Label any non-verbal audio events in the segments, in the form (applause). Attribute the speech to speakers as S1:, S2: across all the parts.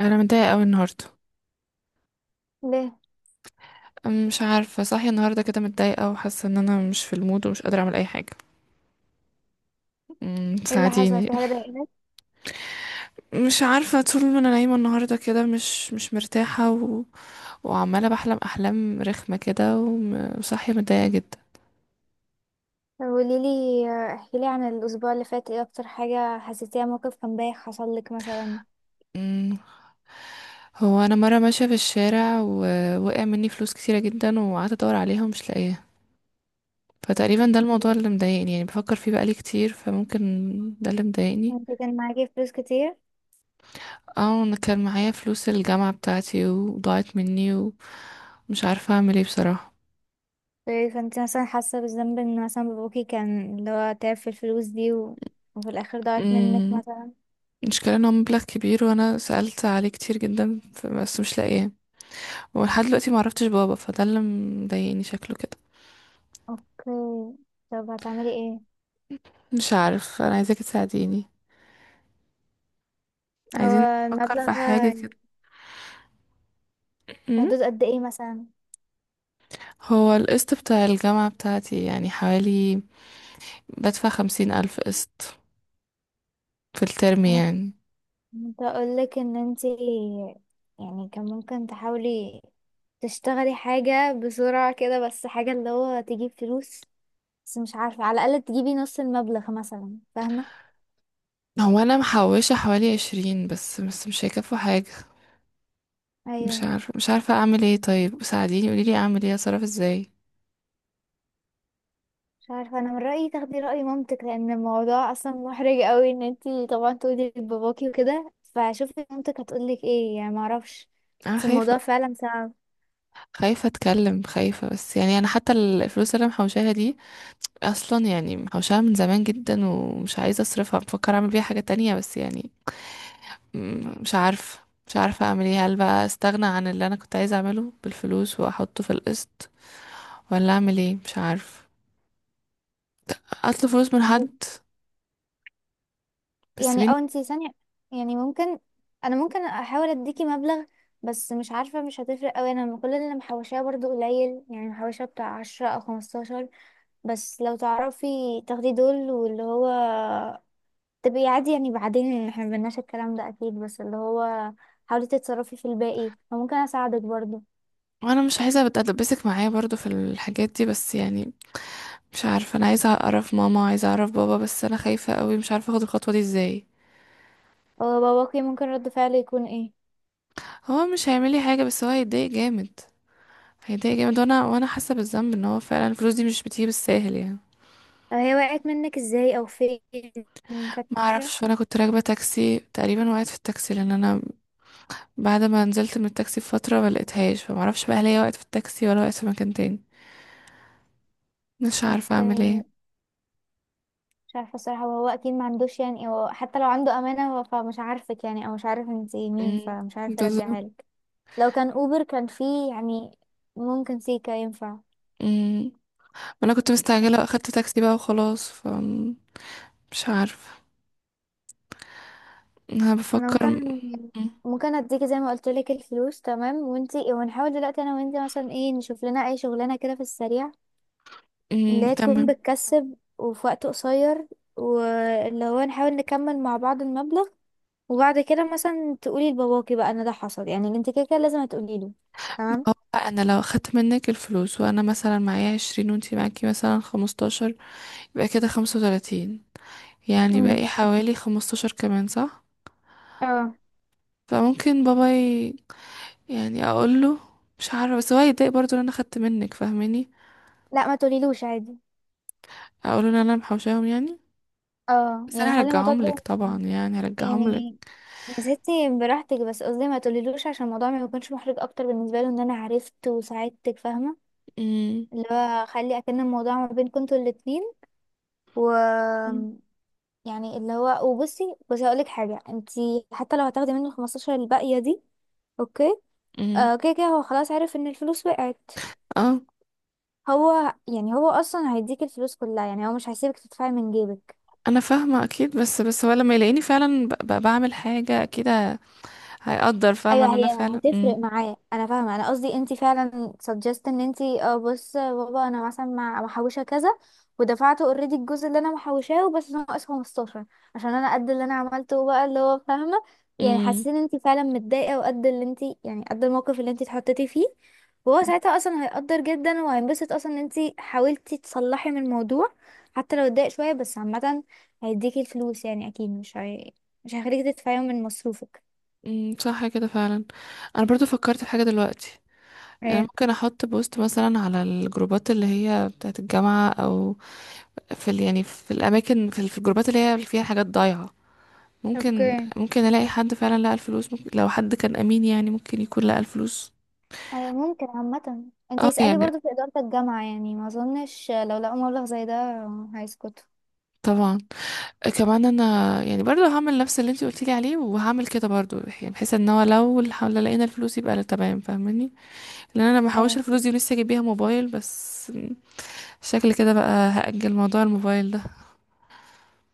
S1: انا متضايقه قوي النهارده.
S2: ليه؟
S1: مش عارفه، صاحيه النهارده كده متضايقه وحاسه ان انا مش في المود ومش قادره اعمل اي حاجه.
S2: ايه اللي حصل؟
S1: ساعديني.
S2: في حاجة ضايقتك؟
S1: مش عارفه، طول ما انا نايمه النهارده كده مش مرتاحه وعماله بحلم احلام رخمه كده، وصاحيه متضايقه جدا.
S2: قولي لي، احكي لي عن الاسبوع اللي فات. ايه اكتر حاجة حسيتيها؟ موقف كان بايخ حصل لك مثلا؟
S1: أم، هو انا مره ماشيه في الشارع ووقع مني فلوس كتيره جدا، وقعدت ادور عليها ومش لاقيها. فتقريبا ده الموضوع اللي مضايقني، يعني بفكر فيه بقالي كتير، فممكن ده اللي مضايقني.
S2: انت كان معاكي فلوس كتير؟
S1: اه، انا كان معايا فلوس الجامعة بتاعتي وضاعت مني ومش عارفة اعمل ايه بصراحة.
S2: فانت مثلا حاسة بالذنب ان مثلا باباكي كان اللي هو تعب في الفلوس دي و... وفي الاخر ضاعت منك
S1: امم
S2: مثلا.
S1: المشكلة ان هو مبلغ كبير، وانا سألت عليه كتير جدا، بس مش لاقيه. ولحد دلوقتي معرفتش بابا، فده اللي مضايقني شكله كده.
S2: اوكي، طب هتعملي ايه؟
S1: مش عارف. انا عايزاك تساعديني،
S2: هو
S1: عايزين نفكر
S2: المبلغ
S1: في حاجة
S2: في
S1: كده. مم.
S2: حدود قد ايه مثلا؟
S1: هو القسط بتاع الجامعة بتاعتي يعني حوالي، بدفع 50 ألف قسط في الترم
S2: انا
S1: يعني.
S2: كنت اقول لك ان انت يعني كان ممكن تحاولي تشتغلي حاجة بسرعة كده، بس حاجة اللي هو تجيب فلوس، بس مش عارفة، على الأقل تجيبي نص المبلغ مثلا، فاهمة؟
S1: هو أنا محوشة حوالي 20 بس، بس مش هيكفوا حاجة. مش
S2: أيوة،
S1: عارفة، مش عارفة اعمل ايه. طيب ساعديني، قوليلي اعمل ايه، اتصرف ازاي؟
S2: مش عارفة، أنا من رأيي تاخدي رأي مامتك، لأن الموضوع أصلا محرج قوي إن انتي طبعا تقولي لباباكي وكده، فشوفي مامتك هتقولك ايه، يعني معرفش،
S1: انا
S2: بس
S1: خايفة،
S2: الموضوع فعلا صعب.
S1: خايفة اتكلم، خايفة. بس يعني انا حتى الفلوس اللي أنا محوشاها دي، اصلا يعني محوشاها من زمان جدا، ومش عايزة اصرفها، بفكر اعمل بيها حاجة تانية. بس يعني مش عارفة، مش عارفة اعمل ايه. هل بقى استغنى عن اللي انا كنت عايزة اعمله بالفلوس واحطه في القسط، ولا اعمل ايه؟ مش عارفة. اطلب فلوس من حد، بس
S2: يعني
S1: بين
S2: اه انتي ثانية، يعني ممكن انا ممكن احاول اديكي مبلغ، بس مش عارفة مش هتفرق اوي، انا كل اللي محوشاه برضو قليل، يعني محوشة بتاع عشرة او خمستاشر، بس لو تعرفي تاخدي دول واللي هو تبقي عادي يعني بعدين، يعني احنا مبناش الكلام ده اكيد، بس اللي هو حاولي تتصرفي في الباقي وممكن اساعدك برضو.
S1: وانا مش عايزة اتدبسك معايا برضو في الحاجات دي، بس يعني مش عارفة، انا عايزة اعرف ماما وعايزة اعرف بابا، بس انا خايفة قوي، مش عارفة اخد الخطوة دي ازاي.
S2: هو باباكي ممكن رد فعله يكون ايه؟
S1: هو مش هيعمل لي حاجة، بس هو هيتضايق جامد، هيتضايق جامد، وانا حاسة بالذنب ان هو فعلا الفلوس دي مش بتيجي بالساهل يعني.
S2: أو هي وقعت منك ازاي او فين؟
S1: ما
S2: فاكرة؟
S1: اعرفش. وانا كنت راكبة تاكسي، تقريبا وقعت في التاكسي، لان انا بعد ما نزلت من التاكسي بفترة ما لقيتهاش. فما اعرفش بقى هل هي وقعت في التاكسي ولا وقعت في مكان تاني. مش عارفة
S2: اوكي،
S1: اعمل ايه.
S2: مش عارفه الصراحه، وهو اكيد ما عندوش، يعني هو حتى لو عنده امانه هو فمش عارفك يعني، او مش عارف انت مين،
S1: مم.
S2: فمش عارف
S1: بالظبط.
S2: يرجعها لك. لو كان اوبر كان فيه يعني ممكن سيكا ينفع.
S1: مم. وانا كنت
S2: لا،
S1: مستعجلة واخدت تاكسي بقى وخلاص. مش عارفة. انا
S2: انا
S1: بفكر.
S2: ممكن
S1: مم.
S2: اديكي زي ما قلت لك الفلوس. تمام، وانتي ونحاول دلوقتي انا وانتي مثلا ايه، نشوف لنا اي شغلانه كده في السريع،
S1: مم.
S2: اللي هي تكون
S1: تمام.
S2: بتكسب وفي وقت قصير، واللي هو نحاول نكمل مع بعض المبلغ. وبعد كده مثلا تقولي لباباكي بقى ان ده حصل، يعني انت كده كده لازم هتقولي له.
S1: هو انا لو اخدت منك الفلوس وانا مثلا معايا 20، وانتي معاكي مثلا 15، يبقى كده 35، يعني
S2: تمام،
S1: باقي حوالي 15 كمان، صح؟
S2: اه.
S1: فممكن بابا يعني اقوله، مش عارفه، بس هو هيتضايق برضه ان انا اخدت منك، فاهماني؟
S2: لا ما تقوليلوش عادي،
S1: اقوله ان انا محوشاهم يعني،
S2: اه
S1: بس انا
S2: يعني خلي الموضوع
S1: هرجعهم
S2: ده،
S1: لك طبعا، يعني هرجعهم لك.
S2: يعني يا ستي براحتك، بس قصدي ما تقوليلوش عشان الموضوع ما يكونش محرج اكتر بالنسبه له ان انا عرفت وساعدتك، فاهمه؟
S1: امم
S2: اللي هو خلي اكن الموضوع ما بينكم انتوا الاتنين، و يعني اللي هو، وبصي بصي هقولك حاجه، انتي حتى لو هتاخدي منه 15 الباقيه دي، اوكي،
S1: امم
S2: آه كده كده هو خلاص عرف ان الفلوس وقعت.
S1: اه،
S2: هو يعني هو اصلا هيديك الفلوس كلها، يعني هو مش هيسيبك تدفعي من جيبك.
S1: انا فاهمه اكيد، بس هو لما يلاقيني فعلا بعمل حاجه، اكيد هيقدر، فاهمه ان
S2: ايوه، هي
S1: انا فعلا.
S2: هتفرق معاه، انا فاهمه، انا قصدي انت فعلا سجست ان انت اه بص يا بابا انا مثلا مع محوشه كذا، ودفعته اوريدي الجزء اللي انا محوشاه بس ناقص 15، عشان انا قد اللي انا عملته بقى اللي هو فاهمه، يعني
S1: امم
S2: حسيت ان انت فعلا متضايقه، وقد اللي انت يعني قد الموقف اللي انت اتحطيتي فيه. وهو ساعتها اصلا هيقدر جدا، وهينبسط اصلا ان انت حاولتي تصلحي من الموضوع، حتى لو اتضايق شويه بس عامه هيديكي الفلوس، يعني اكيد مش هيخليكي تدفعيهم من مصروفك.
S1: صح كده فعلا. انا برضو فكرت في حاجه دلوقتي. انا
S2: ايه؟
S1: ممكن احط بوست مثلا على الجروبات اللي هي بتاعت الجامعه، او في يعني في الاماكن، في الجروبات اللي هي اللي فيها حاجات ضايعه. ممكن
S2: اوكي،
S1: ممكن الاقي حد فعلا لقى الفلوس، ممكن لو حد كان امين يعني ممكن يكون لقى الفلوس.
S2: أيوة ممكن عامة، انتي
S1: اه
S2: اسألي
S1: يعني
S2: برضو في إدارة الجامعة، يعني ما أظنش لو لقوا مبلغ زي ده هيسكتوا.
S1: طبعا. كمان انا يعني برضو هعمل نفس اللي انتي قلتيلي عليه، وهعمل كده برضو، يعني بحيث ان هو لو لقينا الفلوس يبقى تمام، فاهماني؟ لان انا ما
S2: أيوة،
S1: الفلوس دي ولسه اجيب بيها موبايل بس، شكلي كده بقى هأجل موضوع الموبايل ده.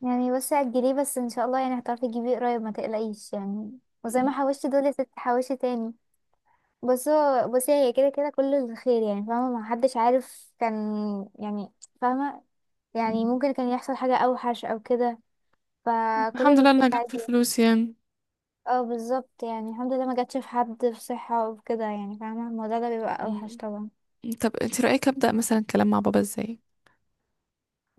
S2: يعني بس أجليه بس إن شاء الله يعني هتعرفي تجيبيه قريب، ما تقلقيش يعني، وزي ما حوشتي دول يا ستي حوشي تاني. بصي هي كده كده كله الخير، يعني فاهمة؟ ما حدش عارف كان يعني، فاهمة؟ يعني
S1: مم.
S2: ممكن كان يحصل حاجة أوحش أو كده، فكل
S1: الحمد لله
S2: الخير
S1: انها جت
S2: عادي.
S1: في الفلوس يعني.
S2: اه بالظبط، يعني الحمد لله ما جاتش في حد في صحة وكده، يعني فاهمة؟ الموضوع ده بيبقى أوحش
S1: مم.
S2: طبعا.
S1: طب انت رأيك أبدأ مثلا كلام مع بابا ازاي؟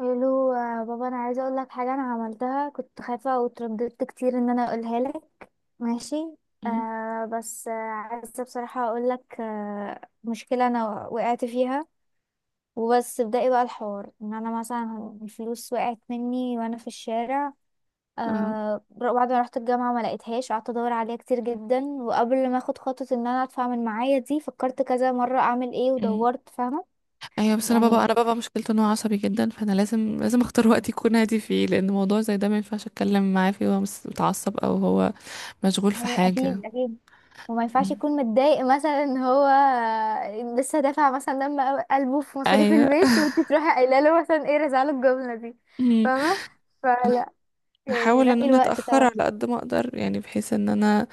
S2: الو آه، بابا انا عايزه اقول لك حاجه انا عملتها، كنت خايفه وترددت كتير ان انا اقولها لك. ماشي،
S1: مم.
S2: آه بس آه عايزه بصراحه اقول لك آه مشكله انا وقعت فيها. وبس ابدأي بقى الحوار ان انا مثلا الفلوس وقعت مني وانا في الشارع،
S1: اه.
S2: آه بعد ما رحت الجامعه ما لقيتهاش، قعدت ادور عليها كتير جدا، وقبل ما اخد خطوه ان انا ادفع من معايا دي فكرت كذا مره اعمل ايه
S1: مم.
S2: ودورت، فاهمه؟
S1: ايوه، بس انا
S2: يعني
S1: بابا انا بابا مشكلته ان هو عصبي جدا، فانا لازم، لازم اختار وقت يكون هادي فيه، لان موضوع زي ده ما ينفعش اتكلم معاه فيه وهو متعصب، او هو مشغول في
S2: أيوة،
S1: حاجة.
S2: أكيد أكيد. وما ينفعش
S1: مم.
S2: يكون متضايق مثلا ان هو لسه دافع مثلا دم قلبه في مصاريف
S1: ايوه.
S2: البيت، وانت تروحي قايله له مثلا ايه، رزعله الجمله دي،
S1: (laughs) مم.
S2: فاهمه؟ فلا، يعني
S1: هحاول ان
S2: نقي
S1: انا
S2: الوقت
S1: اتاخر
S2: طبعا.
S1: على قد ما اقدر، يعني بحيث ان انا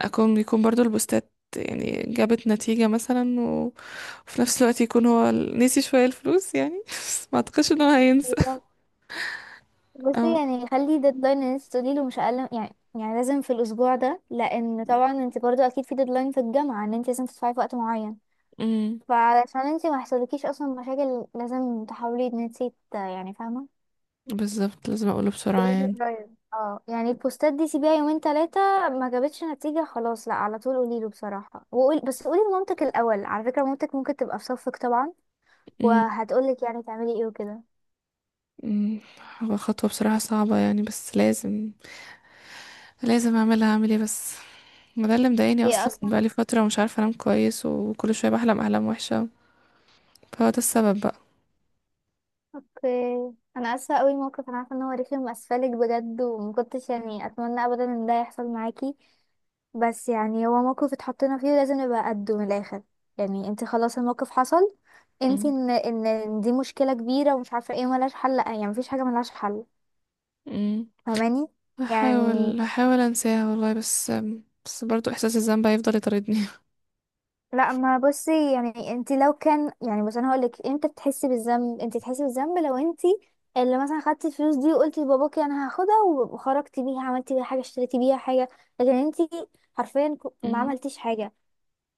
S1: يكون برضو البوستات يعني جابت نتيجة مثلا، وفي نفس الوقت يكون هو نسي شوية الفلوس يعني. (laughs) بس ما اعتقدش ان هو هينسى.
S2: بالظبط. بصي،
S1: أو...
S2: يعني خلي ديدلاين ان انت تقولي له مش اقل يعني، يعني لازم في الاسبوع ده، لان طبعا انت برضو اكيد في ديدلاين في الجامعه ان انت لازم تدفعي في وقت معين،
S1: أمم،
S2: فعلشان انت ما يحصلكيش اصلا مشاكل لازم تحاولي ان انت يعني فاهمه؟
S1: بالظبط، لازم اقوله بسرعة
S2: ريلي
S1: يعني.
S2: قريب اه، يعني البوستات دي سيبيها يومين تلاتة، ما جابتش نتيجة خلاص لا على طول قوليله بصراحة، وقول بس قولي لمامتك الأول، على فكرة مامتك ممكن تبقى في صفك طبعا،
S1: أمم،
S2: وهتقولك يعني تعملي ايه وكده.
S1: أمم، هو خطوة بصراحة صعبة يعني، بس لازم، لازم اعملها، اعمل ايه بس. ما ده اللي مضايقني
S2: هي
S1: اصلا،
S2: اصلا
S1: بقالي فترة ومش عارفة انام كويس، وكل شوية بحلم احلام وحشة، فهو ده السبب بقى.
S2: اوكي. انا اسفة قوي، الموقف انا عارفة ان هو رخم، اسفلك بجد، ومكنتش يعني اتمنى ابدا ان ده يحصل معاكي، بس يعني هو موقف اتحطينا فيه لازم نبقى قده من الاخر، يعني انت خلاص الموقف حصل، انت
S1: أمم،
S2: ان ان إن دي مشكلة كبيرة ومش عارفة ايه ملهاش حل، لا يعني مفيش حاجة ملهاش حل،
S1: أمم،
S2: فاهماني؟ يعني
S1: هحاول انساها والله، بس بس برضو احساس الذنب هيفضل يطاردني.
S2: لا ما بصي، يعني انت لو كان يعني، بس انا هقولك امتى بتحسي بالذنب، انت تحسي بالذنب لو انت اللي مثلا خدتي الفلوس دي وقلتي لباباكي انا هاخدها، وخرجتي بيها عملتي بيها حاجه، اشتريتي بيها حاجه، لكن انت حرفيا ما
S1: مم.
S2: عملتيش حاجه،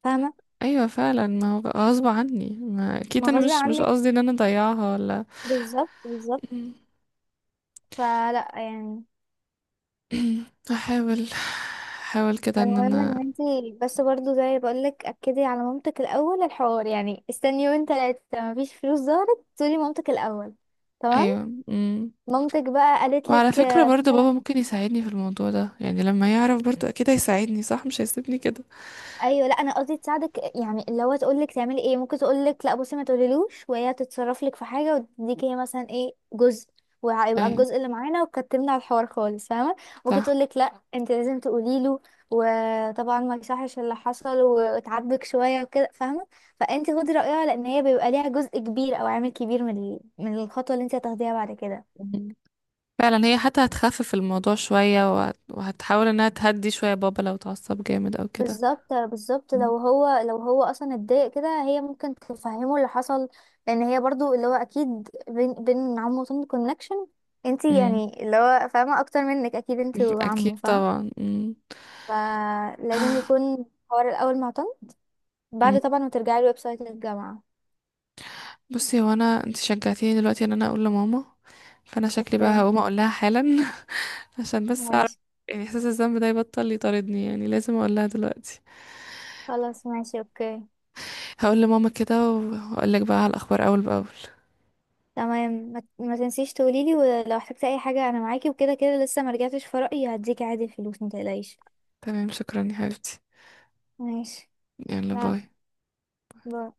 S2: فاهمه؟
S1: ايوه فعلا، ما هو بقى غصب عني، ما اكيد
S2: ما
S1: انا
S2: غصب
S1: مش
S2: عنك،
S1: قصدي ان انا اضيعها ولا.
S2: بالظبط بالظبط.
S1: مم.
S2: فلا يعني،
S1: (clears throat) احاول احاول كده ان
S2: فالمهم
S1: انا.
S2: ان انت، بس برضو زي ما بقولك اكدي على مامتك الاول الحوار، يعني استني يومين تلاتة، مفيش فلوس ظهرت تقولي مامتك الاول، تمام؟
S1: ايوه. مم.
S2: مامتك بقى قالت
S1: وعلى
S2: لك
S1: فكرة
S2: آه،
S1: برضو بابا
S2: مثلا.
S1: ممكن يساعدني في الموضوع ده، يعني لما يعرف برضو اكيد هيساعدني، صح مش هيسيبني كده.
S2: ايوه لا انا قصدي تساعدك، يعني اللي هو تقول لك تعملي ايه، ممكن تقول لك لا بصي ما تقوليلوش، وهي تتصرف لك في حاجه وتديك هي مثلا ايه جزء، وهيبقى
S1: ايوه.
S2: الجزء اللي معانا وكتمنا على الحوار خالص، فاهمه؟ ممكن
S1: صح.
S2: تقول لك لا انت لازم تقولي له، وطبعا ما يصحش اللي حصل وتعاتبك شويه وكده، فاهمه؟ فانت خدي رايها، لان هي بيبقى ليها جزء كبير او عامل كبير من من الخطوه اللي انت هتاخديها بعد كده.
S1: مم. فعلا هي حتى هتخفف الموضوع شوية، وهتحاول انها تهدي شوية بابا لو اتعصب جامد او كده.
S2: بالظبط بالظبط،
S1: مم.
S2: لو هو لو هو اصلا اتضايق كده هي ممكن تفهمه اللي حصل، لان هي برضو اللي هو اكيد بين بين عمه وطن كونكشن، انتي
S1: مم.
S2: يعني اللي هو فاهمه اكتر منك اكيد انتي
S1: اكيد
S2: وعمه، فاهم؟
S1: طبعا.
S2: فلازم يكون حوار الاول مع طن،
S1: مم.
S2: بعد طبعا ما ترجعي الويب سايت للجامعه.
S1: بصي، هو انا انت شجعتيني دلوقتي ان انا اقول لماما، فانا شكلي
S2: اوكي،
S1: بقى هقوم اقول لها حالا. (laughs) عشان بس اعرف
S2: ماشي،
S1: يعني احساس الذنب ده يبطل يطاردني، يعني لازم اقول لها دلوقتي.
S2: خلاص ماشي اوكي،
S1: هقول لماما كده، وهقول لك بقى على الاخبار اول باول.
S2: تمام. ما تنسيش تقوليلي، ولو احتجتي اي حاجه انا معاكي، وكده كده لسه ما رجعتش في رايي، هديكي عادي الفلوس ما تقلقيش.
S1: تمام. شكرا يا حبيبتي.
S2: ماشي.
S1: يلا
S2: لا،
S1: باي.
S2: باي.